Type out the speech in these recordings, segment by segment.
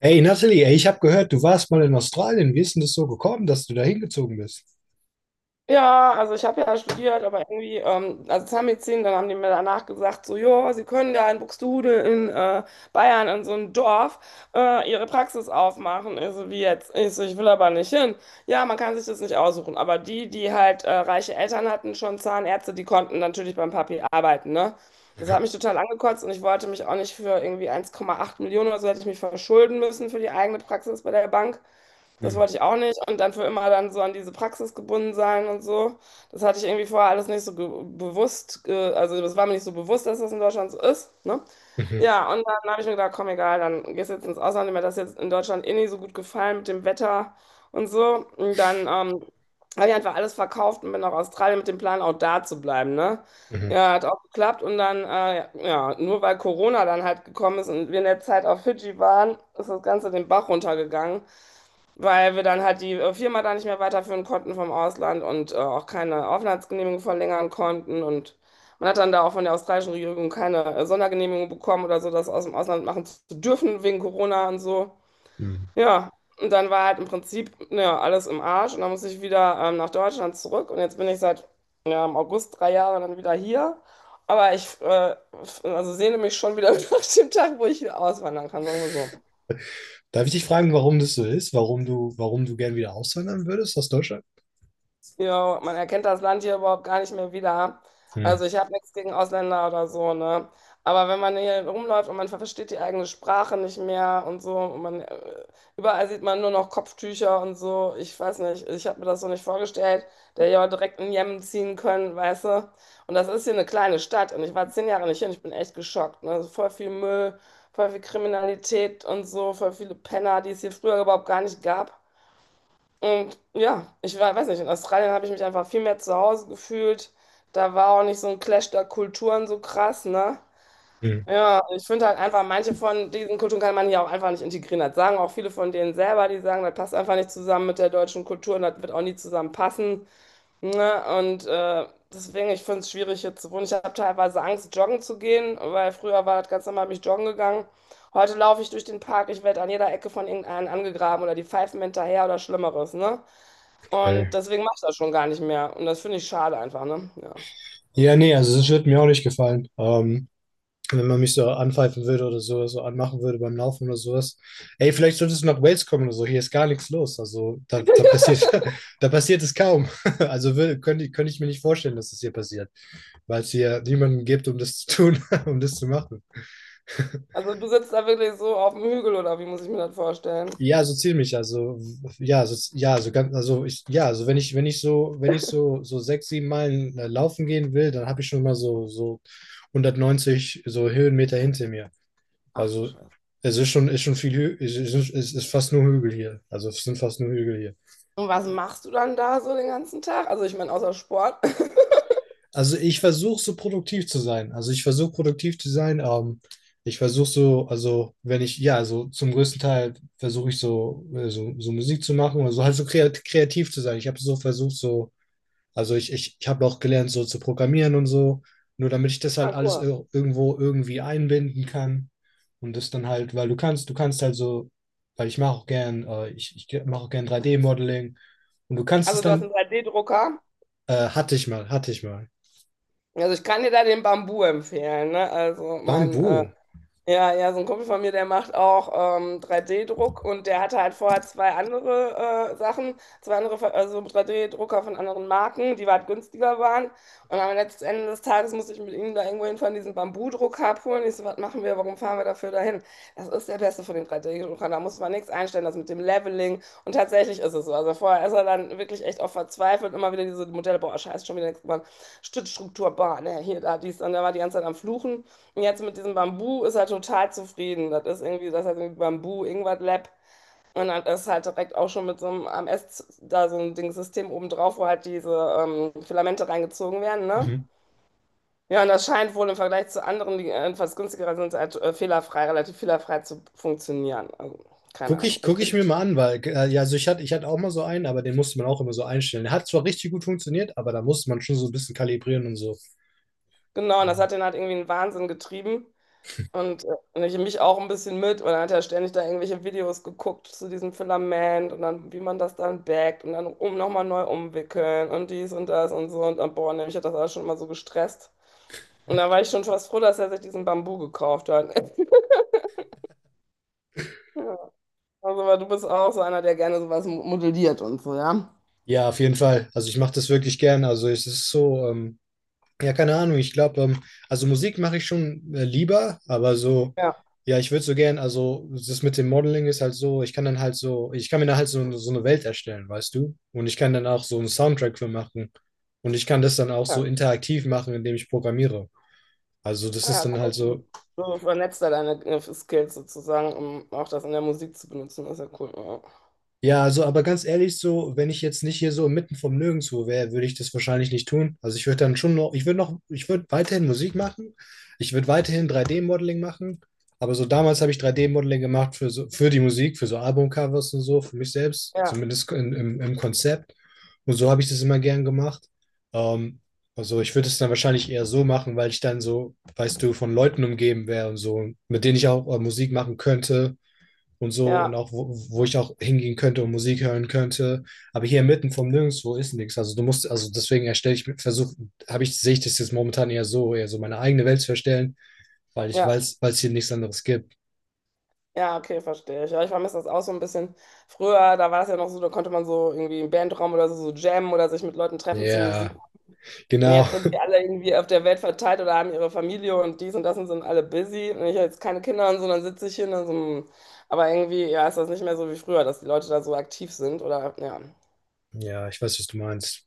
Hey Natalie, ey, ich habe gehört, du warst mal in Australien. Wie ist denn das so gekommen, dass du da hingezogen bist? Ja, also ich habe ja studiert, aber irgendwie, also Zahnmedizin, dann haben die mir danach gesagt, so, ja, Sie können da in Buxtehude in Bayern in so einem Dorf Ihre Praxis aufmachen. Ich so, wie jetzt? Ich so, ich will aber nicht hin. Ja, man kann sich das nicht aussuchen, aber die, die halt reiche Eltern hatten, schon Zahnärzte, die konnten natürlich beim Papi arbeiten, ne? Das hat mich total angekotzt und ich wollte mich auch nicht für irgendwie 1,8 Millionen oder so hätte ich mich verschulden müssen für die eigene Praxis bei der Bank. Das Hm, wollte ich auch nicht. Und dann für immer dann so an diese Praxis gebunden sein und so. Das hatte ich irgendwie vorher alles nicht so bewusst. Also das war mir nicht so bewusst, dass das in Deutschland so ist. Ne? mhm, Ja, und dann habe ich mir gedacht, komm, egal, dann gehst du jetzt ins Ausland. Mir hat das jetzt in Deutschland eh nicht so gut gefallen mit dem Wetter und so. Und dann habe ich einfach alles verkauft und bin nach Australien mit dem Plan, auch da zu bleiben. Ne? mhm, Ja, hat auch geklappt. Und dann, ja, nur weil Corona dann halt gekommen ist und wir in der Zeit auf Fidschi waren, ist das Ganze den Bach runtergegangen, weil wir dann halt die Firma da nicht mehr weiterführen konnten vom Ausland und auch keine Aufenthaltsgenehmigung verlängern konnten. Und man hat dann da auch von der australischen Regierung keine Sondergenehmigung bekommen oder so, das aus dem Ausland machen zu dürfen wegen Corona und so. mhm. Ja, und dann war halt im Prinzip ja, alles im Arsch und dann musste ich wieder nach Deutschland zurück, und jetzt bin ich seit, ja, im August 3 Jahre dann wieder hier. Aber ich also sehne mich schon wieder nach dem Tag, wo ich wieder auswandern kann, sagen wir so. Darf ich dich fragen, warum das so ist? Warum du gern wieder auswandern würdest aus Deutschland? Ja, man erkennt das Land hier überhaupt gar nicht mehr wieder. Hm, Also ich habe nichts gegen Ausländer oder so, ne? Aber wenn man hier rumläuft und man versteht die eigene Sprache nicht mehr und so, und man, überall sieht man nur noch Kopftücher und so, ich weiß nicht, ich habe mir das so nicht vorgestellt, der ja direkt in Jemen ziehen können, weißt du? Und das ist hier eine kleine Stadt und ich war 10 Jahre nicht hier und ich bin echt geschockt, ne? Also voll viel Müll, voll viel Kriminalität und so, voll viele Penner, die es hier früher überhaupt gar nicht gab. Und ja, ich war, weiß nicht, in Australien habe ich mich einfach viel mehr zu Hause gefühlt. Da war auch nicht so ein Clash der Kulturen so krass, ne? hm, Ja, ich finde halt einfach, manche von diesen Kulturen kann man hier auch einfach nicht integrieren. Das sagen auch viele von denen selber, die sagen, das passt einfach nicht zusammen mit der deutschen Kultur und das wird auch nie zusammenpassen. Ne? Deswegen, ich finde es schwierig hier zu wohnen. Ich habe teilweise Angst, joggen zu gehen, weil früher war das ganz normal, bin ich joggen gegangen. Heute laufe ich durch den Park, ich werde an jeder Ecke von irgendeinem angegraben oder die pfeifen mir hinterher oder Schlimmeres. Ne? Und okay. deswegen mache ich das schon gar nicht mehr. Und das finde ich schade einfach. Ne? Ja. Ja, nee, also das wird mir auch nicht gefallen. Wenn man mich so anpfeifen würde oder so anmachen würde beim Laufen oder sowas. Ey, vielleicht solltest du nach Wales kommen oder so, hier ist gar nichts los. Also da passiert, da passiert es kaum. Also könnte ich mir nicht vorstellen, dass das hier passiert, weil es hier niemanden gibt, um das zu tun, um das zu machen. Also du sitzt da wirklich so auf dem Hügel oder wie muss ich mir das vorstellen? Ja, so ziemlich. Also, ja, so, ja, so ganz, also ich, ja, also wenn ich so, so sechs, sieben Meilen laufen gehen will, dann habe ich schon mal so, so 190 so Höhenmeter hinter mir. Ach du Also Scheiße. es ist schon viel, Hü es ist fast nur Hügel hier. Also es sind fast nur Hügel hier. Und was machst du dann da so den ganzen Tag? Also ich meine, außer Sport. Also ich versuche so produktiv zu sein. Also ich versuche produktiv zu sein. Ich versuche so, also wenn ich, ja, also zum größten Teil versuche ich so, so Musik zu machen oder so, halt so kreativ zu sein. Ich habe so versucht, so. Also ich habe auch gelernt, so zu programmieren und so, nur damit ich das halt Ah, alles cool. Irgendwo irgendwie einbinden kann. Und das dann halt, weil du kannst halt so, weil ich mache auch gern, ich mache auch gern drei d modeling. Und du kannst es Also du hast dann, einen 3D-Drucker. Hatte ich mal, hatte ich mal. Also ich kann dir da den Bambu empfehlen, ne? Also mein Bambu. ja, ja, so ein Kumpel von mir, der macht auch, 3D-Druck, und der hatte halt vorher 2 andere, Sachen, 2 andere ver also 3D-Drucker von anderen Marken, die weit günstiger waren. Und am letzten Ende des Tages musste ich mit ihm da irgendwo hinfahren, diesen Bambudrucker abholen. Ich so: „Was machen wir? Warum fahren wir dafür dahin?“ Das ist der Beste von den 3D-Druckern, da muss man nichts einstellen, das mit dem Leveling. Und tatsächlich ist es so. Also, vorher ist er dann wirklich echt auch verzweifelt, immer wieder diese Modelle: „Boah, scheiße, schon wieder nix geworden. Stützstruktur, boah, ne, hier, da, dies.“ Und da war die ganze Zeit am Fluchen. Jetzt mit diesem Bambu ist er total zufrieden. Das ist irgendwie, das heißt irgendwie Bambu Ingwer Lab. Und dann ist halt direkt auch schon mit so einem AMS da so ein Ding System oben drauf, wo halt diese Filamente reingezogen werden, ne? Mhm. Ja, und das scheint wohl im Vergleich zu anderen, die etwas günstiger sind, halt fehlerfrei, relativ fehlerfrei zu funktionieren. Also, keine Gucke Ahnung. ich, Ich guck ich bin, mir mal an, weil, ja, also ich hatte auch mal so einen, aber den musste man auch immer so einstellen. Der hat zwar richtig gut funktioniert, aber da musste man schon so ein bisschen kalibrieren und so. genau, und das hat den halt irgendwie in den Wahnsinn getrieben. Und ich mich auch ein bisschen mit. Und dann hat er ständig da irgendwelche Videos geguckt zu diesem Filament und dann, wie man das dann backt und dann, nochmal neu umwickeln und dies und das und so. Und dann, boah, nämlich hat das alles schon immer so gestresst. Und da war ich schon fast froh, dass er sich diesen Bambu gekauft hat. Ja. Also, weil du bist auch so einer, der gerne sowas modelliert und so, ja? Ja, auf jeden Fall. Also ich mache das wirklich gern. Also es ist so, ja, keine Ahnung. Ich glaube, also Musik mache ich schon lieber, aber so, Ja, ja, ich würde so gern, also das mit dem Modeling ist halt so, ich kann dann halt so, ich kann mir dann halt so, eine Welt erstellen, weißt du? Und ich kann dann auch so einen Soundtrack für machen. Und ich kann das dann auch so ja. interaktiv machen, indem ich programmiere. Also das Ah, ist ja, dann halt cool. so. Du vernetzt da deine Skills sozusagen, um auch das in der Musik zu benutzen. Das ist ja cool. Ja, also, aber ganz ehrlich, so, wenn ich jetzt nicht hier so mitten vom Nirgendwo wäre, würde ich das wahrscheinlich nicht tun. Also ich würde dann schon noch, ich würde weiterhin Musik machen, ich würde weiterhin 3D-Modeling machen, aber so damals habe ich 3D-Modeling gemacht für so, für die Musik, für so Albumcovers und so, für mich selbst, Ja, zumindest im Konzept. Und so habe ich das immer gern gemacht. Ähm, also ich würde es dann wahrscheinlich eher so machen, weil ich dann so, weißt du, von Leuten umgeben wäre und so, mit denen ich auch Musik machen könnte und ja, so und ja. auch wo, ich auch hingehen könnte und Musik hören könnte. Aber hier mitten vom Nirgendwo ist nichts. Also du musst, also deswegen erstelle ich, versuche, habe ich, sehe ich das jetzt momentan eher so meine eigene Welt zu erstellen, weil ich Ja. weiß, weil es hier nichts anderes gibt. Ja, okay, verstehe ich. Ja, ich vermisse das auch so ein bisschen. Früher, da war das ja noch so, da konnte man so irgendwie im Bandraum oder so, so jammen oder sich mit Leuten treffen zur Musik. Ja, Und genau. jetzt sind die alle irgendwie auf der Welt verteilt oder haben ihre Familie und dies und das und sind alle busy. Und ich habe jetzt keine Kinder und so, dann sitze ich hier und dann so. Hm. Aber irgendwie, ja, ist das nicht mehr so wie früher, dass die Leute da so aktiv sind oder ja. Ja, ich weiß, was du meinst.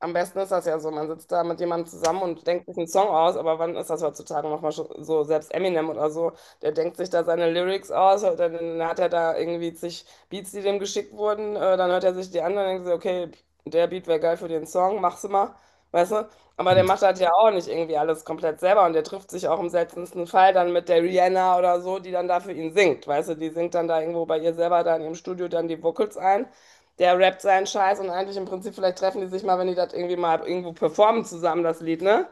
Am besten ist das ja so, man sitzt da mit jemandem zusammen und denkt sich einen Song aus, aber wann ist das heutzutage nochmal so, so, selbst Eminem oder so, der denkt sich da seine Lyrics aus, dann hat er da irgendwie zig Beats, die dem geschickt wurden, dann hört er sich die an und denkt sich, okay, der Beat wäre geil für den Song, mach's mal, weißt du? Aber Hm. der macht das ja auch nicht irgendwie alles komplett selber und der trifft sich auch im seltensten Fall dann mit der Rihanna oder so, die dann da für ihn singt, weißt du? Die singt dann da irgendwo bei ihr selber da in ihrem Studio dann die Vocals ein, der rappt seinen Scheiß, und eigentlich im Prinzip, vielleicht treffen die sich mal, wenn die das irgendwie mal irgendwo performen zusammen, das Lied, ne?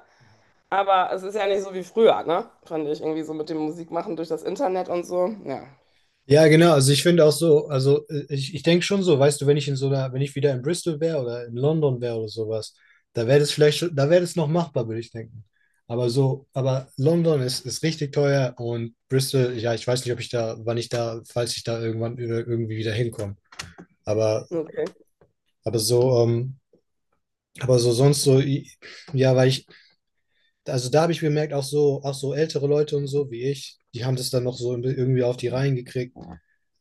Aber es ist ja nicht so wie früher, ne? Fand ich irgendwie so mit dem Musikmachen durch das Internet und so. Ja. Ja, genau. Also ich finde auch so, also ich denke schon so, weißt du, wenn ich in so einer, wenn ich wieder in Bristol wäre oder in London wäre oder sowas, da wäre das vielleicht schon, da wäre das noch machbar, würde ich denken. Aber so, aber London ist richtig teuer und Bristol, ja, ich weiß nicht, ob ich da, wann ich da, falls ich da irgendwann irgendwie wieder hinkomme. Aber, Okay. aber so, aber so sonst so, i- ja, weil ich, also da habe ich bemerkt, auch so, ältere Leute und so wie ich, die haben das dann noch so irgendwie auf die Reihen gekriegt.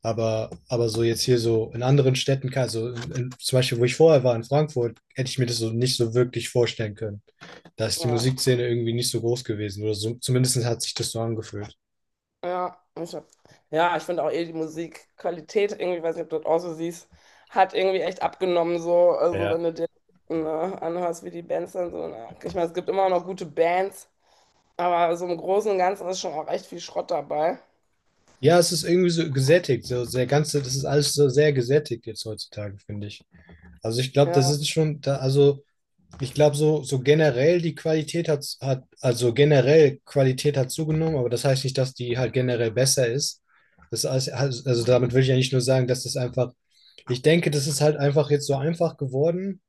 Aber so jetzt hier so in anderen Städten, also in, zum Beispiel, wo ich vorher war, in Frankfurt, hätte ich mir das so nicht so wirklich vorstellen können. Da ist die Ja. Musikszene irgendwie nicht so groß gewesen oder so, zumindest hat sich das so angefühlt. Ja, ich hab, ja, ich finde auch eh die Musikqualität, irgendwie, weiß nicht, ob du das auch so siehst, hat irgendwie echt abgenommen, so. Also, wenn du dir, ne, anhörst, wie die Bands dann so. Na, ich meine, es gibt immer noch gute Bands, aber so im Großen und Ganzen ist schon auch echt viel Schrott dabei. Ja, es ist irgendwie so gesättigt, so der ganze, das ist alles so sehr gesättigt jetzt heutzutage, finde ich. Also ich glaube, das Ja. ist schon, da, also ich glaube, so, generell die Qualität hat, also generell Qualität hat zugenommen, aber das heißt nicht, dass die halt generell besser ist. Das heißt, also damit will ich ja nicht nur sagen, dass das einfach, ich denke, das ist halt einfach jetzt so einfach geworden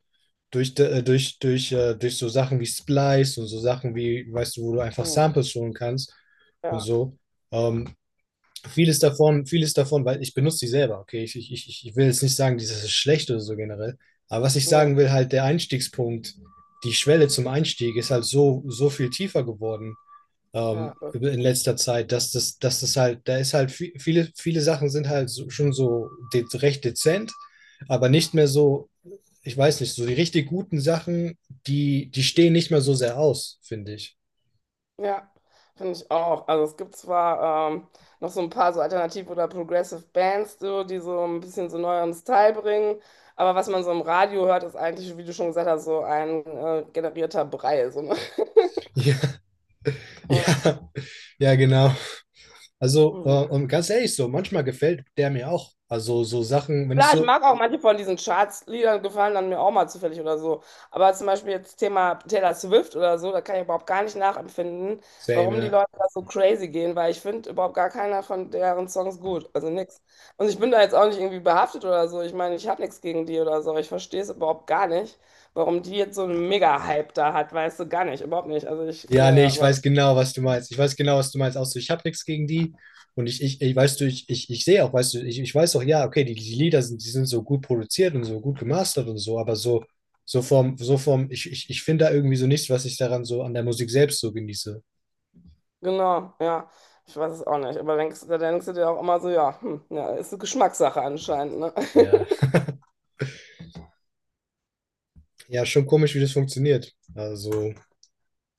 durch durch so Sachen wie Splice und so Sachen wie, weißt du, wo du einfach Mhm. Samples holen kannst und Ja. so. Ähm, vieles davon, weil ich benutze die selber, okay? Ich will jetzt nicht sagen, dieses ist schlecht oder so generell. Aber was ich sagen Nee. will, halt der Einstiegspunkt, die Schwelle zum Einstieg ist halt so, viel tiefer geworden Ja, das in stimmt. letzter Zeit, dass das halt, da ist halt viele, viele Sachen sind halt so, schon so de recht dezent, aber nicht mehr so, ich weiß nicht, so die richtig guten Sachen, die, die stehen nicht mehr so sehr aus, finde ich. Ja, finde ich auch. Also es gibt zwar, noch so ein paar so Alternative oder Progressive Bands, so, die so ein bisschen so neueren Style bringen, aber was man so im Radio hört, ist eigentlich, wie du schon gesagt hast, so ein generierter Brei. So, ne? Ja, ja, ja, genau. Also, Ja. und ganz ehrlich, so, manchmal gefällt der mir auch. Also, so Sachen, wenn ich Klar, ich so, mag auch manche von diesen Charts-Liedern, gefallen dann mir auch mal zufällig oder so. Aber zum Beispiel jetzt Thema Taylor Swift oder so, da kann ich überhaupt gar nicht nachempfinden, same, warum die ja. Leute da so crazy gehen, weil ich finde überhaupt gar keiner von deren Songs gut. Also nix. Und ich bin da jetzt auch nicht irgendwie behaftet oder so. Ich meine, ich habe nichts gegen die oder so. Ich verstehe es überhaupt gar nicht, warum die jetzt so einen Mega-Hype da hat, weißt du, gar nicht, überhaupt nicht. Also ich, Ja, nee, naja, ich aber weiß genau, was du meinst. Ich weiß genau, was du meinst. Auch so, ich habe nichts gegen die. Und ich weißt du, ich sehe auch, weißt du, ich weiß auch, ja, okay, die Lieder sind, die sind so gut produziert und so gut gemastert und so, aber so, so vom, ich finde da irgendwie so nichts, was ich daran so an der Musik selbst so genieße. genau, ja. Ich weiß es auch nicht. Aber denkst, da denkst du dir auch immer so, ja, hm, ja, ist eine Geschmackssache anscheinend, ne? Ja. Ja, schon komisch, wie das funktioniert. Also.